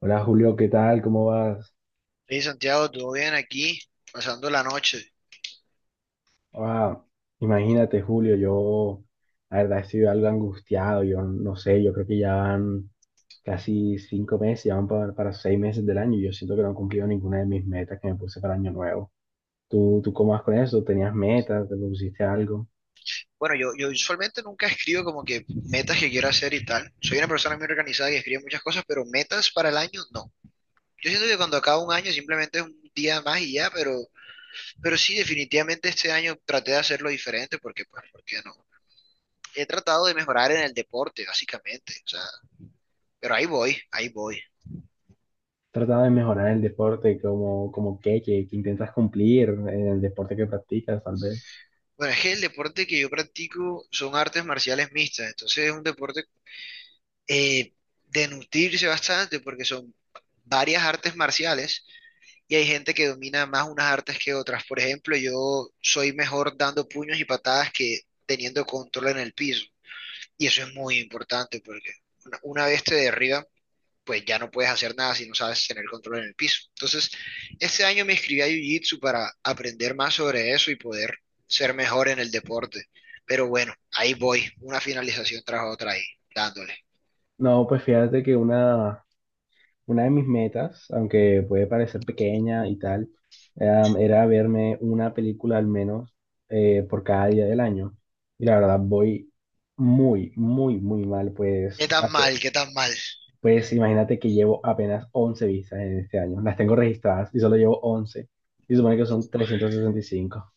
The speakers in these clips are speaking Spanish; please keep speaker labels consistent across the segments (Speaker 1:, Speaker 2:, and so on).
Speaker 1: Hola Julio, ¿qué tal? ¿Cómo vas?
Speaker 2: Sí, Santiago, todo bien aquí, pasando la noche.
Speaker 1: Ah, imagínate Julio, yo la verdad estoy algo angustiado, yo no sé, yo creo que ya van casi 5 meses, ya van para 6 meses del año y yo siento que no he cumplido ninguna de mis metas que me puse para año nuevo. ¿Tú cómo vas con eso? ¿Tenías metas? ¿Te pusiste algo?
Speaker 2: Bueno, yo usualmente nunca escribo como que metas que quiero hacer y tal. Soy una persona muy organizada y escribe muchas cosas, pero metas para el año no. Yo siento que cuando acaba un año simplemente es un día más y ya, pero sí, definitivamente este año traté de hacerlo diferente porque, pues, ¿por qué no? He tratado de mejorar en el deporte, básicamente. O sea, pero ahí voy, ahí voy.
Speaker 1: ¿Trataba de mejorar el deporte? ¿Como qué? ¿Qué intentas cumplir en el deporte que practicas tal vez?
Speaker 2: Bueno, es que el deporte que yo practico son artes marciales mixtas, entonces es un deporte eh, de nutrirse bastante porque son varias artes marciales y hay gente que domina más unas artes que otras. Por ejemplo, yo soy mejor dando puños y patadas que teniendo control en el piso. Y eso es muy importante porque una vez te derriban, pues ya no puedes hacer nada si no sabes tener control en el piso. Entonces, este año me inscribí a Jiu-Jitsu para aprender más sobre eso y poder ser mejor en el deporte. Pero bueno, ahí voy, una finalización tras otra ahí, dándole.
Speaker 1: No, pues fíjate que una de mis metas, aunque puede parecer pequeña y tal, era verme una película al menos por cada día del año. Y la verdad voy muy, muy, muy mal,
Speaker 2: ¿Qué
Speaker 1: pues,
Speaker 2: tan
Speaker 1: ape-
Speaker 2: mal? ¿Qué tan mal?
Speaker 1: pues imagínate que llevo apenas 11 vistas en este año. Las tengo registradas y solo llevo 11. Y supone que
Speaker 2: Bu-
Speaker 1: son 365.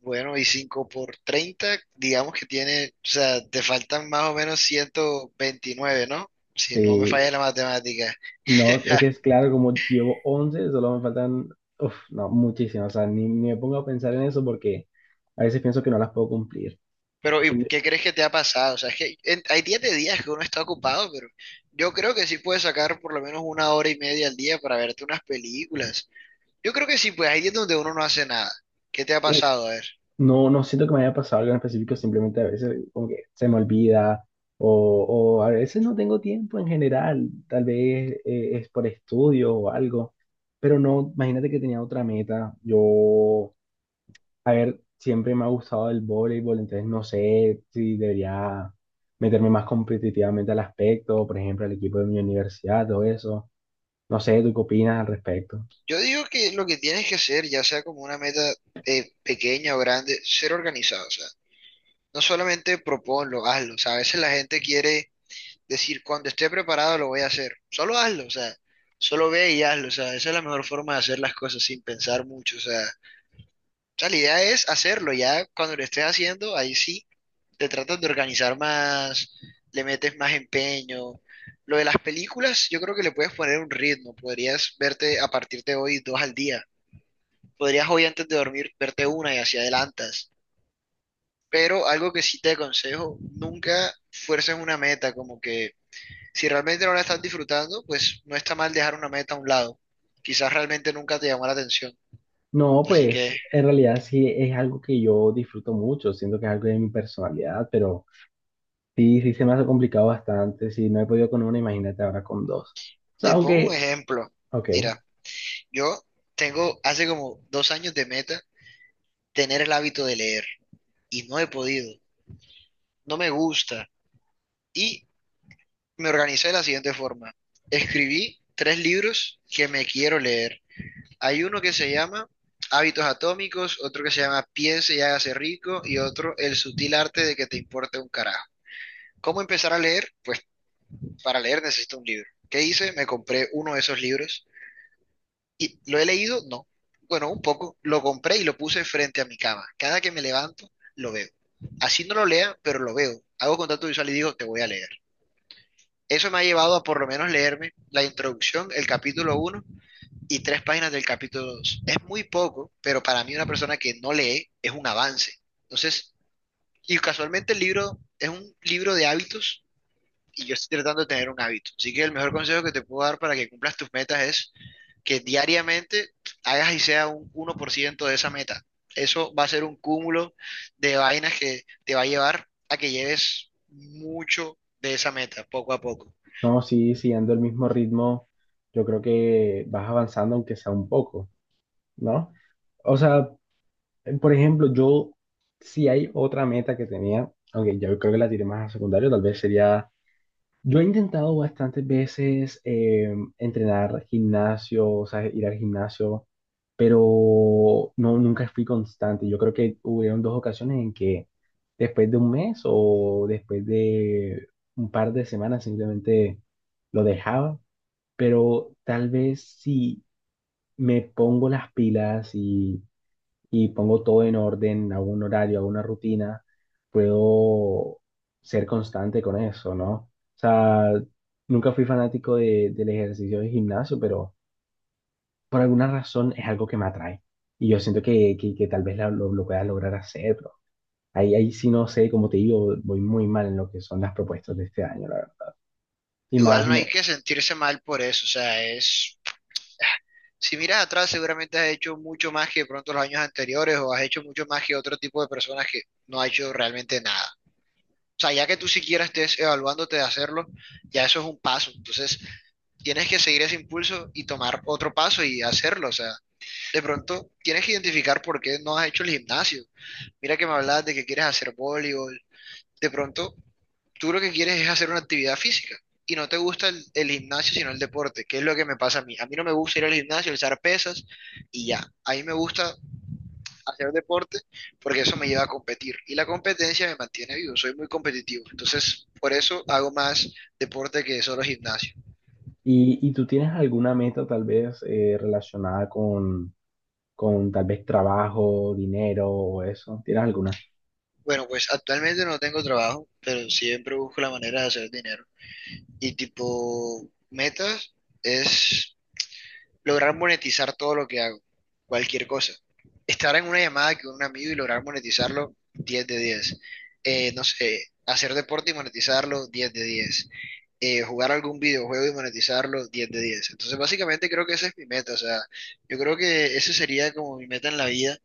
Speaker 2: Bueno, y 5 por 30, digamos que tiene, o sea, te faltan más o menos 129, ¿no? Si no me
Speaker 1: Sí,
Speaker 2: falla la matemática.
Speaker 1: no, es que es claro, como llevo 11 solo me faltan, uf, no, muchísimas. O sea, ni me pongo a pensar en eso porque a veces pienso que no las puedo cumplir.
Speaker 2: Pero, ¿y qué crees que te ha pasado? O sea, es que hay días de días que uno está ocupado, pero yo creo que sí puedes sacar por lo menos una hora y media al día para verte unas películas. Yo creo que sí, pues hay días donde uno no hace nada. ¿Qué te ha
Speaker 1: Uf,
Speaker 2: pasado? A ver.
Speaker 1: no, no siento que me haya pasado algo en específico, simplemente a veces como que se me olvida o, o a veces no tengo tiempo en general, tal vez es por estudio o algo, pero no, imagínate que tenía otra meta, yo, a ver, siempre me ha gustado el voleibol, entonces no sé si debería meterme más competitivamente al aspecto, por ejemplo, al equipo de mi universidad, todo eso, no sé, ¿tú qué opinas al respecto?
Speaker 2: Yo digo que lo que tienes que hacer, ya sea como una meta pequeña o grande, ser organizado. O sea, no solamente proponlo, hazlo. O sea, a veces la gente quiere decir, cuando esté preparado lo voy a hacer. Solo hazlo, o sea, solo ve y hazlo. O sea, esa es la mejor forma de hacer las cosas sin pensar mucho. O sea, la idea es hacerlo. Ya cuando lo estés haciendo, ahí sí te tratas de organizar más, le metes más empeño. Lo de las películas, yo creo que le puedes poner un ritmo. Podrías verte a partir de hoy dos al día. Podrías hoy antes de dormir verte una y así adelantas. Pero algo que sí te aconsejo, nunca fuerces una meta, como que si realmente no la estás disfrutando, pues no está mal dejar una meta a un lado. Quizás realmente nunca te llamó la atención.
Speaker 1: No,
Speaker 2: Así que
Speaker 1: pues en realidad sí es algo que yo disfruto mucho, siento que es algo de mi personalidad, pero sí, sí se me ha complicado bastante, si no he podido con una, imagínate ahora con dos. O sea,
Speaker 2: te pongo un
Speaker 1: aunque,
Speaker 2: ejemplo.
Speaker 1: ok,
Speaker 2: Mira, yo tengo hace como 2 años de meta tener el hábito de leer y no he podido, no me gusta. Y me organicé de la siguiente forma. Escribí tres libros que me quiero leer. Hay uno que se llama Hábitos Atómicos, otro que se llama Piense y hágase rico y otro El sutil arte de que te importe un carajo. ¿Cómo empezar a leer? Pues para leer necesito un libro. ¿Qué hice? Me compré uno de esos libros y lo he leído, no. Bueno, un poco. Lo compré y lo puse frente a mi cama. Cada que me levanto, lo veo. Así no lo lea, pero lo veo. Hago contacto visual y digo, te voy a leer. Eso me ha llevado a por lo menos leerme la introducción, el capítulo uno y tres páginas del capítulo dos. Es muy poco, pero para mí una persona que no lee es un avance. Entonces, y casualmente el libro es un libro de hábitos y yo estoy tratando de tener un hábito. Así que el mejor consejo que te puedo dar para que cumplas tus metas es que diariamente hagas y sea un 1% de esa meta. Eso va a ser un cúmulo de vainas que te va a llevar a que lleves mucho de esa meta, poco a poco.
Speaker 1: no, sí, siguiendo el mismo ritmo, yo creo que vas avanzando aunque sea un poco, ¿no? O sea, por ejemplo, yo, si hay otra meta que tenía, aunque yo creo que la tiré más a secundario, tal vez sería. Yo he intentado bastantes veces entrenar gimnasio, o sea, ir al gimnasio, pero no, nunca fui constante. Yo creo que hubieron dos ocasiones en que después de un mes o después de un par de semanas simplemente lo dejaba, pero tal vez si me pongo las pilas y pongo todo en orden, hago un horario, hago una rutina, puedo ser constante con eso, ¿no? O sea, nunca fui fanático de, del ejercicio de gimnasio, pero por alguna razón es algo que me atrae. Y yo siento que tal vez lo pueda lograr hacer, pero ahí sí no sé, como te digo, voy muy mal en lo que son las propuestas de este año, la verdad. Y más,
Speaker 2: Igual no hay
Speaker 1: me-
Speaker 2: que sentirse mal por eso, o sea, es. Si miras atrás, seguramente has hecho mucho más que de pronto los años anteriores o has hecho mucho más que otro tipo de personas que no ha hecho realmente nada. O sea, ya que tú siquiera estés evaluándote de hacerlo, ya eso es un paso. Entonces, tienes que seguir ese impulso y tomar otro paso y hacerlo. O sea, de pronto tienes que identificar por qué no has hecho el gimnasio. Mira que me hablabas de que quieres hacer voleibol. De pronto, tú lo que quieres es hacer una actividad física y no te gusta el gimnasio, sino el deporte, que es lo que me pasa a mí. A mí no me gusta ir al gimnasio, alzar pesas y ya. A mí me gusta hacer deporte porque eso me lleva a competir y la competencia me mantiene vivo, soy muy competitivo. Entonces, por eso hago más deporte que solo gimnasio.
Speaker 1: ¿Y tú tienes alguna meta tal vez relacionada con tal vez trabajo, dinero o eso? ¿Tienes alguna?
Speaker 2: Bueno, pues actualmente no tengo trabajo, pero siempre busco la manera de hacer dinero. Y tipo, metas es lograr monetizar todo lo que hago, cualquier cosa. Estar en una llamada con un amigo y lograr monetizarlo, 10 de 10. No sé, hacer deporte y monetizarlo, 10 de 10. Jugar algún videojuego y monetizarlo, 10 de 10. Entonces, básicamente creo que esa es mi meta, o sea, yo creo que esa sería como mi meta en la vida,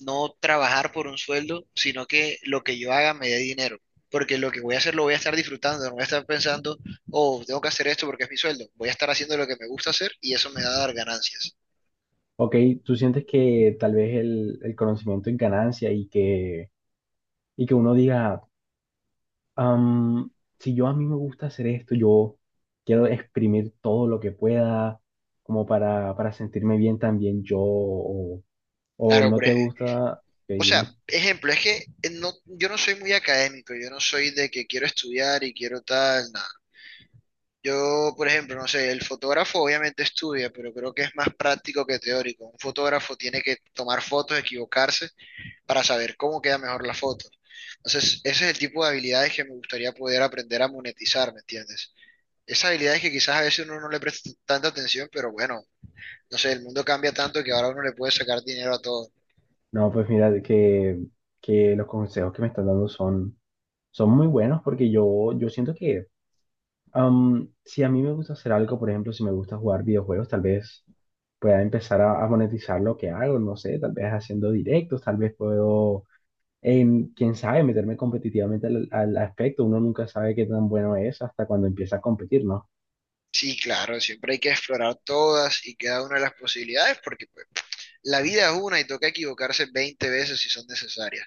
Speaker 2: no trabajar por un sueldo, sino que lo que yo haga me dé dinero. Porque lo que voy a hacer lo voy a estar disfrutando, no voy a estar pensando, oh, tengo que hacer esto porque es mi sueldo. Voy a estar haciendo lo que me gusta hacer y eso me va a dar ganancias.
Speaker 1: Ok, ¿tú sientes que tal vez el conocimiento en ganancia y que uno diga, "Am, si yo a mí me gusta hacer esto, yo quiero exprimir todo lo que pueda como para sentirme bien también yo, o
Speaker 2: Claro,
Speaker 1: no te gusta, ok,
Speaker 2: o sea,
Speaker 1: dime.
Speaker 2: ejemplo, es que no, yo no soy muy académico, yo no soy de que quiero estudiar y quiero tal, nada. Yo, por ejemplo, no sé, el fotógrafo obviamente estudia, pero creo que es más práctico que teórico. Un fotógrafo tiene que tomar fotos, equivocarse para saber cómo queda mejor la foto. Entonces, ese es el tipo de habilidades que me gustaría poder aprender a monetizar, ¿me entiendes? Esas habilidades que quizás a veces uno no le presta tanta atención, pero bueno, no sé, el mundo cambia tanto que ahora uno le puede sacar dinero a todo.
Speaker 1: No, pues mira, de que los consejos que me están dando son muy buenos porque yo siento que si a mí me gusta hacer algo, por ejemplo, si me gusta jugar videojuegos, tal vez pueda empezar a monetizar lo que hago, no sé, tal vez haciendo directos, tal vez puedo, en, quién sabe, meterme competitivamente al aspecto, uno nunca sabe qué tan bueno es hasta cuando empieza a competir, ¿no?
Speaker 2: Sí, claro, siempre hay que explorar todas y cada una de las posibilidades, porque pues, la vida es una y toca equivocarse 20 veces si son necesarias.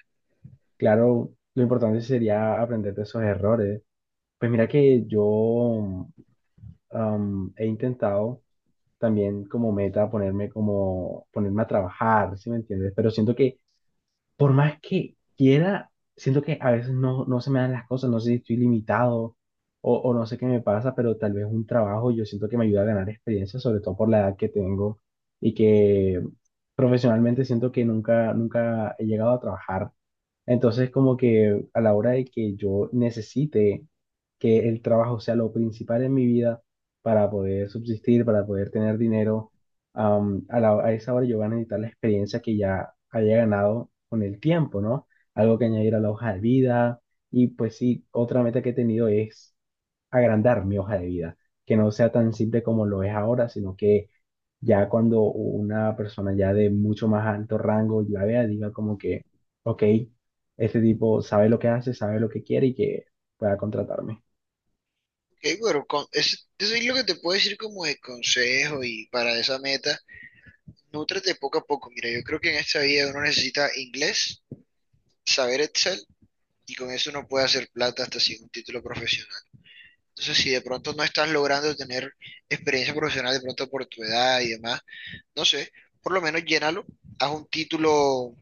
Speaker 1: Claro, lo importante sería aprender de esos errores. Pues mira que yo he intentado también como meta ponerme a trabajar, ¿sí me entiendes? Pero siento que por más que quiera, siento que a veces no, no se me dan las cosas, no sé si estoy limitado o no sé qué me pasa, pero tal vez un trabajo yo siento que me ayuda a ganar experiencia, sobre todo por la edad que tengo y que profesionalmente siento que nunca, nunca he llegado a trabajar, entonces, como que a la hora de que yo necesite que el trabajo sea lo principal en mi vida para poder subsistir, para poder tener dinero, a esa hora yo voy a necesitar la experiencia que ya haya ganado con el tiempo, ¿no? Algo que añadir a la hoja de vida. Y pues sí, otra meta que he tenido es agrandar mi hoja de vida, que no sea tan simple como lo es ahora, sino que ya cuando una persona ya de mucho más alto rango la vea, diga como que, ok, este tipo sabe lo que hace, sabe lo que quiere y que pueda contratarme.
Speaker 2: Ok, bueno, eso es lo que te puedo decir como de consejo y para esa meta, nútrate poco a poco. Mira, yo creo que en esta vida uno necesita inglés, saber Excel, y con eso uno puede hacer plata hasta sin un título profesional. Entonces, si de pronto no estás logrando tener experiencia profesional de pronto por tu edad y demás, no sé, por lo menos llénalo, haz un título,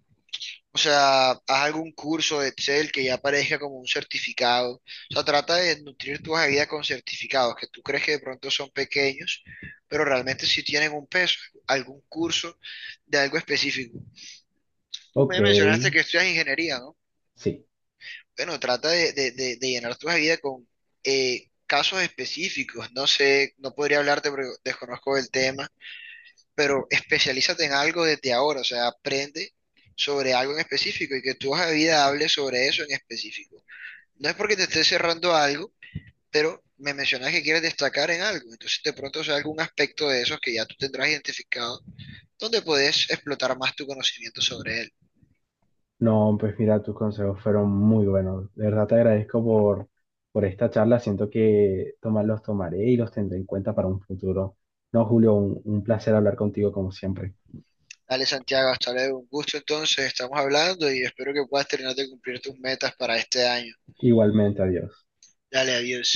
Speaker 2: o sea, haz algún curso de Excel que ya aparezca como un certificado. O sea, trata de nutrir tu hoja de vida con certificados que tú crees que de pronto son pequeños, pero realmente sí tienen un peso, algún curso de algo específico. Tú
Speaker 1: Ok,
Speaker 2: me mencionaste que estudias ingeniería, ¿no?
Speaker 1: sí.
Speaker 2: Bueno, trata de llenar tu vida con casos específicos. No sé, no podría hablarte porque desconozco el tema, pero especialízate en algo desde ahora, o sea, aprende sobre algo en específico y que tu hoja de vida hable sobre eso en específico. No es porque te estés cerrando a algo, pero me mencionas que quieres destacar en algo, entonces de pronto sea algún aspecto de esos que ya tú tendrás identificado, donde puedes explotar más tu conocimiento sobre él.
Speaker 1: No, pues mira, tus consejos fueron muy buenos. De verdad te agradezco por esta charla. Siento que tomar, los tomaré y los tendré en cuenta para un futuro. No, Julio, un placer hablar contigo como siempre.
Speaker 2: Dale, Santiago, hasta luego. Un gusto entonces, estamos hablando y espero que puedas terminar de cumplir tus metas para este año.
Speaker 1: Igualmente, adiós.
Speaker 2: Dale, adiós.